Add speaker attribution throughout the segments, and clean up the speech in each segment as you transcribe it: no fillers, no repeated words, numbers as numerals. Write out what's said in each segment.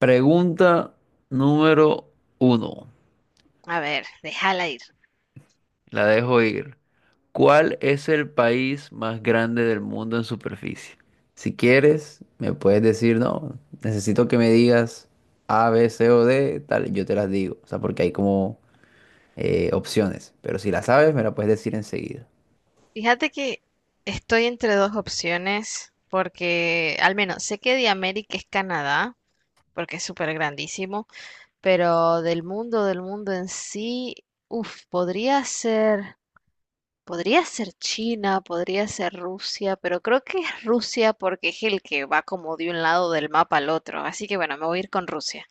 Speaker 1: Pregunta número uno.
Speaker 2: A ver, déjala ir.
Speaker 1: La dejo ir. ¿Cuál es el país más grande del mundo en superficie? Si quieres, me puedes decir, no, necesito que me digas A, B, C o D, tal, y yo te las digo. O sea, porque hay como opciones. Pero si la sabes, me la puedes decir enseguida.
Speaker 2: Fíjate que estoy entre dos opciones porque al menos sé que de América es Canadá, porque es súper grandísimo. Pero del mundo en sí, uff, podría ser China, podría ser Rusia, pero creo que es Rusia porque es el que va como de un lado del mapa al otro. Así que bueno, me voy a ir con Rusia.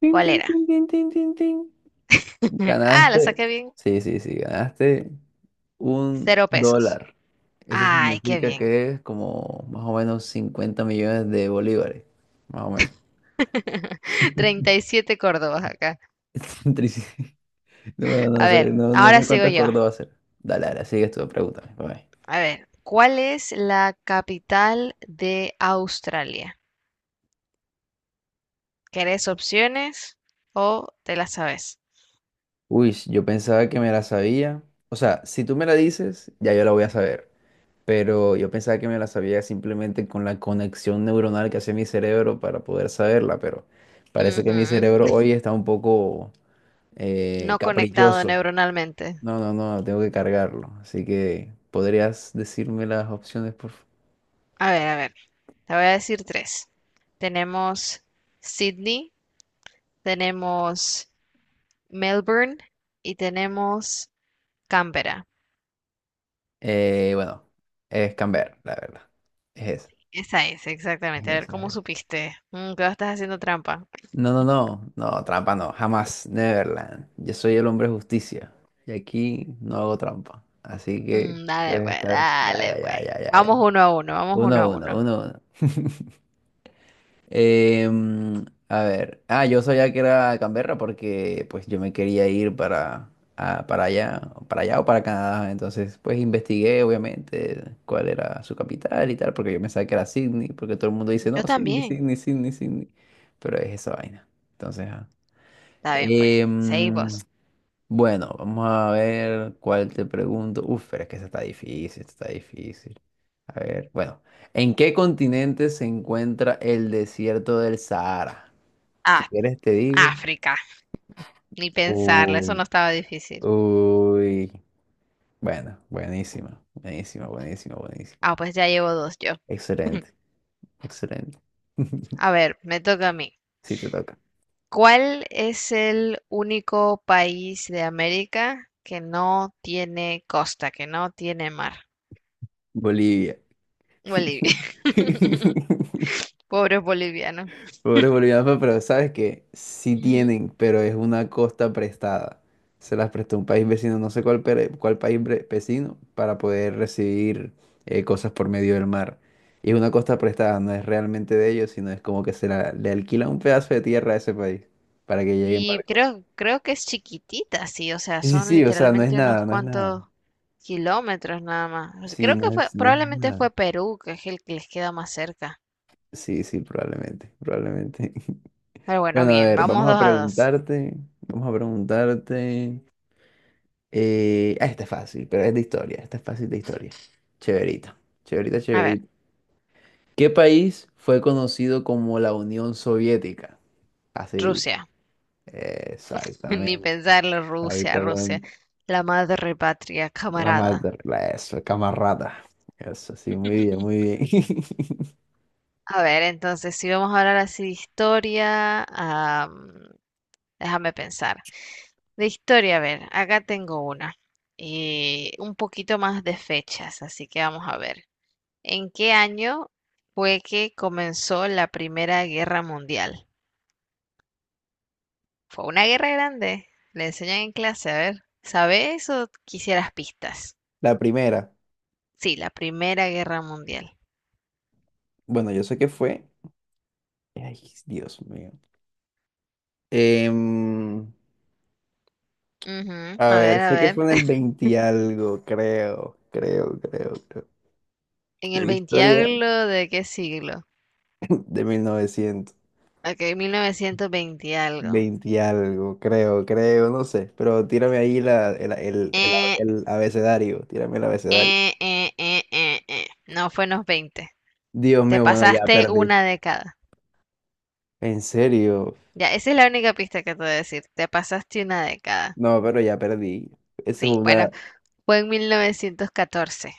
Speaker 1: Tin,
Speaker 2: ¿Cuál
Speaker 1: tin,
Speaker 2: era?
Speaker 1: tin, tin, tin, tin, tin.
Speaker 2: Ah, la
Speaker 1: Ganaste.
Speaker 2: saqué bien.
Speaker 1: Sí, sí, sí, ganaste. Un
Speaker 2: Cero pesos.
Speaker 1: dólar. Eso
Speaker 2: Ay, qué
Speaker 1: significa
Speaker 2: bien.
Speaker 1: que es como más o menos 50 millones de bolívares. Más o menos.
Speaker 2: 37 Córdobas acá.
Speaker 1: Trici- Bueno, no
Speaker 2: A
Speaker 1: sé,
Speaker 2: ver,
Speaker 1: no
Speaker 2: ahora
Speaker 1: sé
Speaker 2: sigo
Speaker 1: cuántos
Speaker 2: yo.
Speaker 1: cordos va a ser. Dale, dale, sigues tú, pregúntame. Pa' ver.
Speaker 2: A ver, ¿cuál es la capital de Australia? ¿Querés opciones o te las sabes?
Speaker 1: Uy, yo pensaba que me la sabía. O sea, si tú me la dices, ya yo la voy a saber. Pero yo pensaba que me la sabía simplemente con la conexión neuronal que hace mi cerebro para poder saberla. Pero parece
Speaker 2: Ujú.
Speaker 1: que mi cerebro hoy está un poco
Speaker 2: No conectado
Speaker 1: caprichoso.
Speaker 2: neuronalmente.
Speaker 1: No, no, no, tengo que cargarlo. Así que, ¿podrías decirme las opciones, por favor?
Speaker 2: A ver, te voy a decir tres. Tenemos Sydney, tenemos Melbourne y tenemos Canberra.
Speaker 1: Bueno, es Camber, la verdad. Es esa,
Speaker 2: Esa es,
Speaker 1: es
Speaker 2: exactamente. A ver
Speaker 1: esa,
Speaker 2: cómo
Speaker 1: es esa.
Speaker 2: supiste. Mm, que estás haciendo trampa.
Speaker 1: No, no, no, no, trampa no, jamás, Neverland. Yo soy el hombre de justicia y aquí no hago trampa. Así que
Speaker 2: Mm, dale,
Speaker 1: puedes
Speaker 2: pues,
Speaker 1: estar. Ya, ya,
Speaker 2: dale, pues.
Speaker 1: ya, ya, ya, ya.
Speaker 2: Vamos uno a uno, vamos uno a
Speaker 1: Uno, uno,
Speaker 2: uno.
Speaker 1: uno, uno. A ver, yo sabía que era Canberra porque pues yo me quería ir para, a- para allá, para allá o para Canadá, entonces pues investigué obviamente cuál era su capital y tal, porque yo pensaba que era Sydney, porque todo el mundo dice, no,
Speaker 2: Yo
Speaker 1: Sydney,
Speaker 2: también.
Speaker 1: Sydney, Sydney, Sydney, pero es esa vaina, entonces, ajá.
Speaker 2: Está bien, pues.
Speaker 1: Em,
Speaker 2: Seguimos.
Speaker 1: bueno, vamos a ver cuál te pregunto. Uf, pero es que esta está difícil, esta está difícil. A ver, bueno, ¿en qué continente se encuentra el desierto del Sahara? Si
Speaker 2: Ah,
Speaker 1: quieres te digo.
Speaker 2: África. Ni pensarlo, eso no
Speaker 1: Uy,
Speaker 2: estaba difícil.
Speaker 1: uy. Bueno, buenísima, buenísima, buenísima, buenísima.
Speaker 2: Ah, pues ya llevo dos yo.
Speaker 1: Excelente, excelente.
Speaker 2: A ver, me toca a mí.
Speaker 1: Sí, te toca.
Speaker 2: ¿Cuál es el único país de América que no tiene costa, que no tiene mar?
Speaker 1: Bolivia.
Speaker 2: Bolivia. Pobres bolivianos.
Speaker 1: Pobres bolivianos, pero sabes que sí
Speaker 2: Ujú.
Speaker 1: tienen, pero es una costa prestada. Se las prestó un país vecino, no sé cuál, cuál país vecino, para poder recibir cosas por medio del mar. Y es una costa prestada, no es realmente de ellos, sino es como que le alquila un pedazo de tierra a ese país para que llegue en
Speaker 2: Sí,
Speaker 1: barco.
Speaker 2: creo, creo que es chiquitita, sí, o sea,
Speaker 1: Sí, sí,
Speaker 2: son
Speaker 1: sí, o sea, no es
Speaker 2: literalmente unos
Speaker 1: nada, no es nada.
Speaker 2: cuantos kilómetros nada más. O sea,
Speaker 1: Sí,
Speaker 2: creo que
Speaker 1: no
Speaker 2: fue,
Speaker 1: es, no es
Speaker 2: probablemente
Speaker 1: nada.
Speaker 2: fue Perú, que es el que les queda más cerca.
Speaker 1: Sí, sí, probablemente, probablemente.
Speaker 2: Pero bueno,
Speaker 1: Bueno, a
Speaker 2: bien,
Speaker 1: ver,
Speaker 2: vamos dos a dos.
Speaker 1: vamos a preguntarte. Esta es fácil, pero es de historia. Esta es fácil de historia. Chéverita, chéverita,
Speaker 2: A ver,
Speaker 1: chéverita. ¿Qué país fue conocido como la Unión Soviética? Facilita.
Speaker 2: Rusia. Ni
Speaker 1: Exactamente,
Speaker 2: pensarlo, Rusia, Rusia,
Speaker 1: exactamente.
Speaker 2: la madre patria,
Speaker 1: La
Speaker 2: camarada.
Speaker 1: madre, la eso, camarada. Eso, sí, muy bien, muy bien.
Speaker 2: A ver, entonces, si vamos a hablar así de historia, déjame pensar. De historia, a ver, acá tengo una. Un poquito más de fechas, así que vamos a ver. ¿En qué año fue que comenzó la Primera Guerra Mundial? Fue una guerra grande. Le enseñan en clase, a ver. ¿Sabes o quisieras pistas?
Speaker 1: La primera.
Speaker 2: Sí, la Primera Guerra Mundial.
Speaker 1: Bueno, yo sé que fue. Ay, Dios mío. Em,
Speaker 2: Ujú,
Speaker 1: a
Speaker 2: a
Speaker 1: ver,
Speaker 2: ver, a
Speaker 1: sé que fue
Speaker 2: ver.
Speaker 1: en el 20 y algo, creo, creo, creo, creo.
Speaker 2: ¿En
Speaker 1: La
Speaker 2: el 20
Speaker 1: historia.
Speaker 2: algo de qué siglo?
Speaker 1: De 1920
Speaker 2: Ok, 1920 algo.
Speaker 1: y algo, creo, creo, no sé. Pero tírame ahí la,
Speaker 2: Eh,
Speaker 1: el abecedario, tírame el abecedario.
Speaker 2: No fue en los veinte.
Speaker 1: Dios
Speaker 2: Te
Speaker 1: mío, bueno, ya
Speaker 2: pasaste
Speaker 1: perdí.
Speaker 2: una década.
Speaker 1: ¿En serio?
Speaker 2: Ya, esa es la única pista que te voy a decir. Te pasaste una década.
Speaker 1: No, pero ya perdí. Eso
Speaker 2: Sí,
Speaker 1: es una...
Speaker 2: bueno, fue en 1914.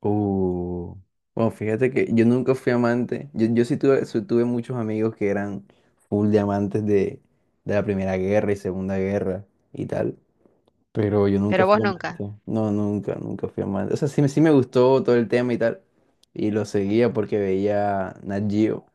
Speaker 1: Uh. Bueno, fíjate que yo nunca fui amante. Yo sí tuve muchos amigos que eran full de amantes de la Primera Guerra y Segunda Guerra y tal. Pero yo nunca
Speaker 2: Pero vos
Speaker 1: fui
Speaker 2: nunca.
Speaker 1: amante. No, nunca, nunca fui amante. O sea, sí, sí me gustó todo el tema y tal. Y lo seguía porque veía Nat Geo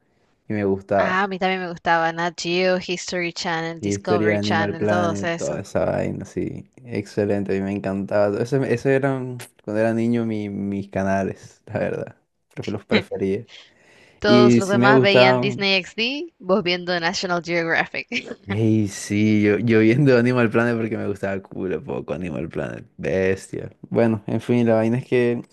Speaker 1: y me gustaba.
Speaker 2: Ah, a mí también me gustaba Nat Geo, History Channel,
Speaker 1: Y historia de
Speaker 2: Discovery
Speaker 1: Animal
Speaker 2: Channel, todos
Speaker 1: Planet, toda
Speaker 2: esos.
Speaker 1: esa vaina, sí. Excelente, a mí me encantaba. Todo eso, eso eran, cuando era niño, mis canales, la verdad. Los prefería.
Speaker 2: Todos
Speaker 1: Y
Speaker 2: los
Speaker 1: sí me
Speaker 2: demás veían
Speaker 1: gustaban.
Speaker 2: Disney XD, vos viendo National Geographic.
Speaker 1: Ey, sí, yo viendo Animal Planet porque me gustaba culo poco Animal Planet. Bestia. Bueno, en fin, la vaina es que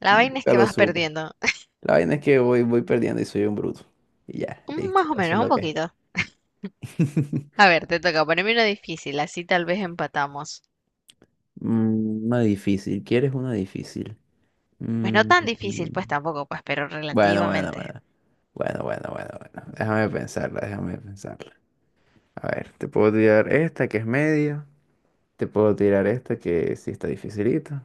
Speaker 2: La vaina es
Speaker 1: nunca
Speaker 2: que
Speaker 1: lo
Speaker 2: vas
Speaker 1: supe.
Speaker 2: perdiendo.
Speaker 1: La vaina es que voy perdiendo y soy un bruto. Y ya, listo.
Speaker 2: Más o
Speaker 1: Eso
Speaker 2: menos,
Speaker 1: es
Speaker 2: un
Speaker 1: lo que
Speaker 2: poquito.
Speaker 1: es.
Speaker 2: A ver, te toca ponerme una difícil, así tal vez empatamos.
Speaker 1: Mm, una difícil. ¿Quieres una difícil?
Speaker 2: Pues no
Speaker 1: Mm,
Speaker 2: tan difícil, pues tampoco, pues, pero
Speaker 1: bueno, bueno,
Speaker 2: relativamente.
Speaker 1: bueno. Bueno, bueno, bueno, bueno. Déjame pensarla, déjame pensarla. A ver, te puedo tirar esta que es media. Te puedo tirar esta que sí está dificilita.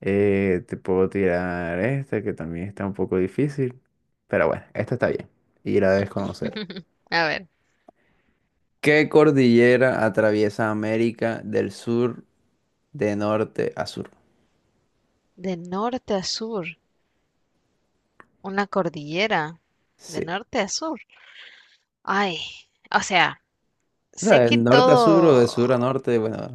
Speaker 1: Te puedo tirar esta que también está un poco difícil. Pero bueno, esta está bien. Y la debes conocer.
Speaker 2: A ver,
Speaker 1: ¿Qué cordillera atraviesa América del Sur? De norte a sur.
Speaker 2: de norte a sur, una cordillera, de
Speaker 1: Sí.
Speaker 2: norte a sur. Ay, o sea,
Speaker 1: O sea,
Speaker 2: sé
Speaker 1: de
Speaker 2: que
Speaker 1: norte a sur o de sur
Speaker 2: todo.
Speaker 1: a norte, bueno,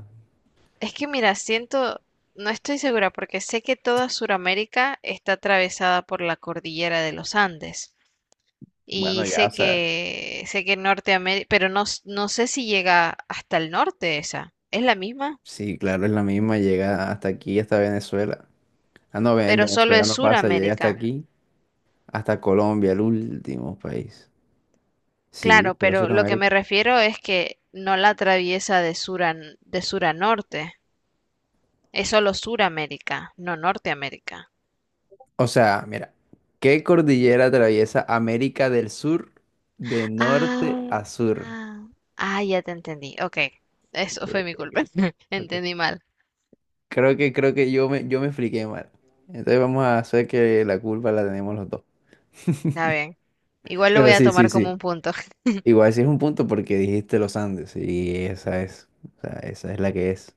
Speaker 2: Es que mira, siento, no estoy segura porque sé que toda Sudamérica está atravesada por la cordillera de los Andes
Speaker 1: bueno,
Speaker 2: y
Speaker 1: ya, o sea,
Speaker 2: sé que Norteamérica, pero no, s- no sé si llega hasta el norte esa. Es la misma,
Speaker 1: sí, claro, es la misma, llega hasta aquí, hasta Venezuela. Ah, no, en
Speaker 2: pero solo
Speaker 1: Venezuela
Speaker 2: es
Speaker 1: no pasa, llega hasta
Speaker 2: Suramérica.
Speaker 1: aquí, hasta Colombia, el último país. Sí,
Speaker 2: Claro,
Speaker 1: pero
Speaker 2: pero lo que me
Speaker 1: Sudamérica.
Speaker 2: refiero es que no la atraviesa de sur a, n- de sur a norte. Es solo Suramérica, no Norteamérica.
Speaker 1: O sea, mira, ¿qué cordillera atraviesa América del Sur de norte
Speaker 2: Ah,
Speaker 1: a sur?
Speaker 2: ah, ah, ya te entendí. Ok, eso fue mi
Speaker 1: Ok,
Speaker 2: culpa.
Speaker 1: ok, ok.
Speaker 2: Entendí mal.
Speaker 1: Creo que yo me expliqué mal. Entonces vamos a hacer que la culpa la tenemos los dos.
Speaker 2: Está bien. Igual lo voy
Speaker 1: Pero
Speaker 2: a
Speaker 1: sí, sí,
Speaker 2: tomar como
Speaker 1: sí.
Speaker 2: un punto.
Speaker 1: Igual sí es un punto porque dijiste los Andes y esa es, o sea, esa es la que es.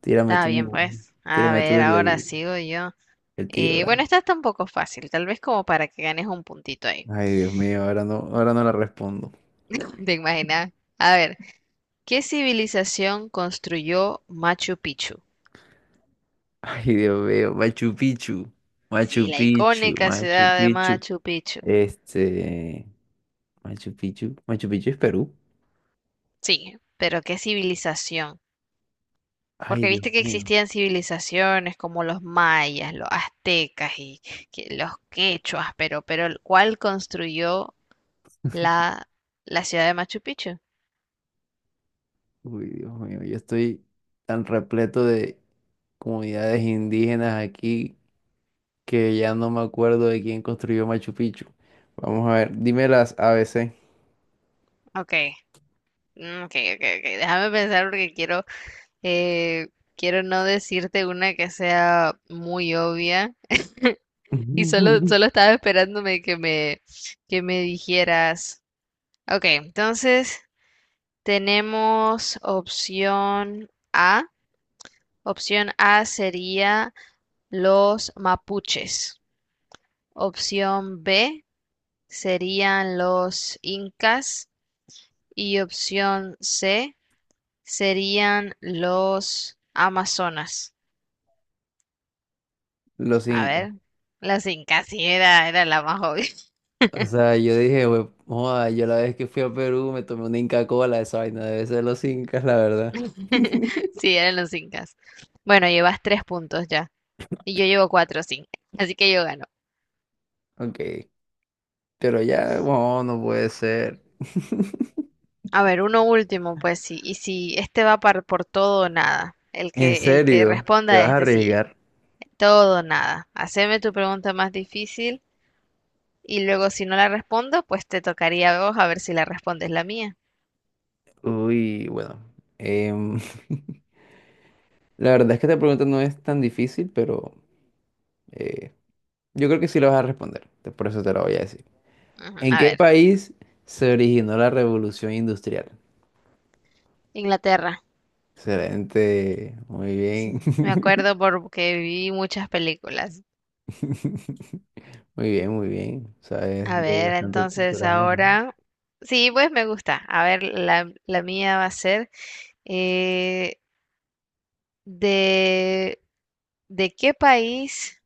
Speaker 1: Tírame
Speaker 2: Está bien,
Speaker 1: tú,
Speaker 2: pues. A
Speaker 1: tírame tú
Speaker 2: ver,
Speaker 1: el,
Speaker 2: ahora
Speaker 1: el,
Speaker 2: sigo yo.
Speaker 1: el tiro,
Speaker 2: Bueno,
Speaker 1: dale.
Speaker 2: esta está un poco fácil, tal vez como para que ganes un puntito ahí.
Speaker 1: Ay, Dios mío, ahora no la respondo.
Speaker 2: ¿Te imaginas? A ver, ¿qué civilización construyó Machu Picchu?
Speaker 1: Ay, Dios mío, Machu Picchu,
Speaker 2: Sí,
Speaker 1: Machu
Speaker 2: la
Speaker 1: Picchu,
Speaker 2: icónica
Speaker 1: Machu
Speaker 2: ciudad de
Speaker 1: Picchu.
Speaker 2: Machu Picchu.
Speaker 1: Este, Machu Picchu, Machu Picchu es Perú.
Speaker 2: Sí, pero ¿qué civilización?
Speaker 1: Ay,
Speaker 2: Porque
Speaker 1: Dios
Speaker 2: viste que
Speaker 1: mío,
Speaker 2: existían civilizaciones como los mayas, los aztecas y que- los quechuas, pero el- ¿cuál construyó la, la ciudad de Machu Picchu?
Speaker 1: uy, Dios mío, yo estoy tan repleto de comunidades indígenas aquí que ya no me acuerdo de quién construyó Machu Picchu. Vamos a ver, dime las A B C.
Speaker 2: Ok, mm, ok, ok, ok. Déjame pensar porque quiero, eh, quiero no decirte una que sea muy obvia. Y solo, solo estaba esperándome que me dijeras. Ok, entonces tenemos opción A. Opción A sería los mapuches, opción B serían los incas y opción C serían los amazonas.
Speaker 1: Los
Speaker 2: A
Speaker 1: Incas.
Speaker 2: ver, los incas, sí, era, era la más obvia.
Speaker 1: O sea, yo dije, "Hue- joda, yo la vez que fui a Perú me tomé una Inca Cola, esa vaina debe ser los Incas, la verdad.
Speaker 2: Sí, eran los incas. Bueno, llevas tres puntos ya y yo llevo cuatro, sí. Así que yo gano.
Speaker 1: Ok, pero ya, bueno, no puede ser.
Speaker 2: A ver, uno último, pues sí. Y si este va par- por todo o nada,
Speaker 1: ¿En
Speaker 2: el que
Speaker 1: serio?
Speaker 2: responda
Speaker 1: ¿Te
Speaker 2: a
Speaker 1: vas a
Speaker 2: este, sí.
Speaker 1: arriesgar?
Speaker 2: Todo o nada. Haceme tu pregunta más difícil y luego si no la respondo, pues te tocaría a vos a ver si la respondes la mía.
Speaker 1: Uy, bueno. em, la verdad es que esta pregunta no es tan difícil, pero eh, yo creo que sí la vas a responder. Por eso te la voy a decir.
Speaker 2: Ujú,
Speaker 1: ¿En
Speaker 2: a
Speaker 1: qué
Speaker 2: ver,
Speaker 1: país se originó la revolución industrial?
Speaker 2: Inglaterra.
Speaker 1: Excelente, muy bien.
Speaker 2: Sí, me acuerdo porque vi muchas películas.
Speaker 1: Muy bien, muy bien. Sabes
Speaker 2: A
Speaker 1: de
Speaker 2: ver,
Speaker 1: bastante
Speaker 2: entonces
Speaker 1: cultura general.
Speaker 2: ahora... Sí, pues me gusta. A ver, la mía va a ser... eh, de, ¿de qué país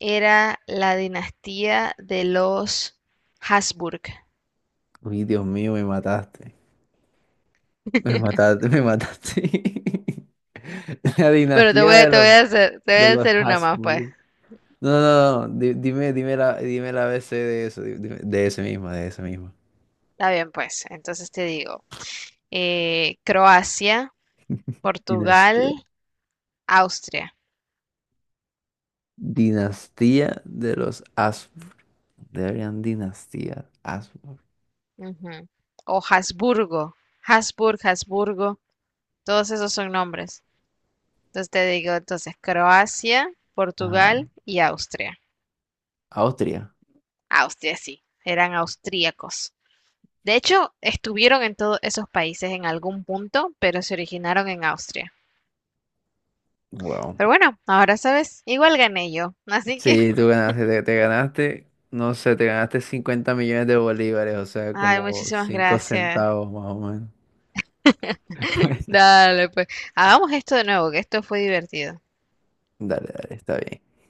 Speaker 2: era la dinastía de los Habsburg?
Speaker 1: Uy, Dios mío, me mataste. Me mataste, me mataste. La
Speaker 2: Pero
Speaker 1: dinastía
Speaker 2: te voy a hacer, te voy
Speaker 1: de
Speaker 2: a
Speaker 1: los
Speaker 2: hacer una más, pues.
Speaker 1: Habsburg. No, no, no. No. Dime, dime la ABC de eso. De ese mismo, de ese mismo.
Speaker 2: Está bien, pues. Entonces te digo, Croacia,
Speaker 1: Dinastía.
Speaker 2: Portugal, Austria.
Speaker 1: Dinastía de los Habsburg. Deberían dinastía. Habsburg.
Speaker 2: Ujú. O Habsburgo. Habsburg, Habsburgo. Todos esos son nombres. Entonces te digo, entonces, Croacia,
Speaker 1: Ajá.
Speaker 2: Portugal y Austria.
Speaker 1: Austria.
Speaker 2: Austria, sí. Eran austríacos. De hecho, estuvieron en todos esos países en algún punto, pero se originaron en Austria.
Speaker 1: Wow.
Speaker 2: Pero bueno, ahora sabes, igual gané yo. Así que...
Speaker 1: Sí, tú ganaste, te ganaste, no sé, te ganaste 50 millones de bolívares, o sea,
Speaker 2: Ay,
Speaker 1: como
Speaker 2: muchísimas
Speaker 1: 5
Speaker 2: gracias.
Speaker 1: centavos más o menos.
Speaker 2: Dale, pues. Hagamos esto de nuevo, que esto fue divertido.
Speaker 1: Bueno, dale, dale, está bien.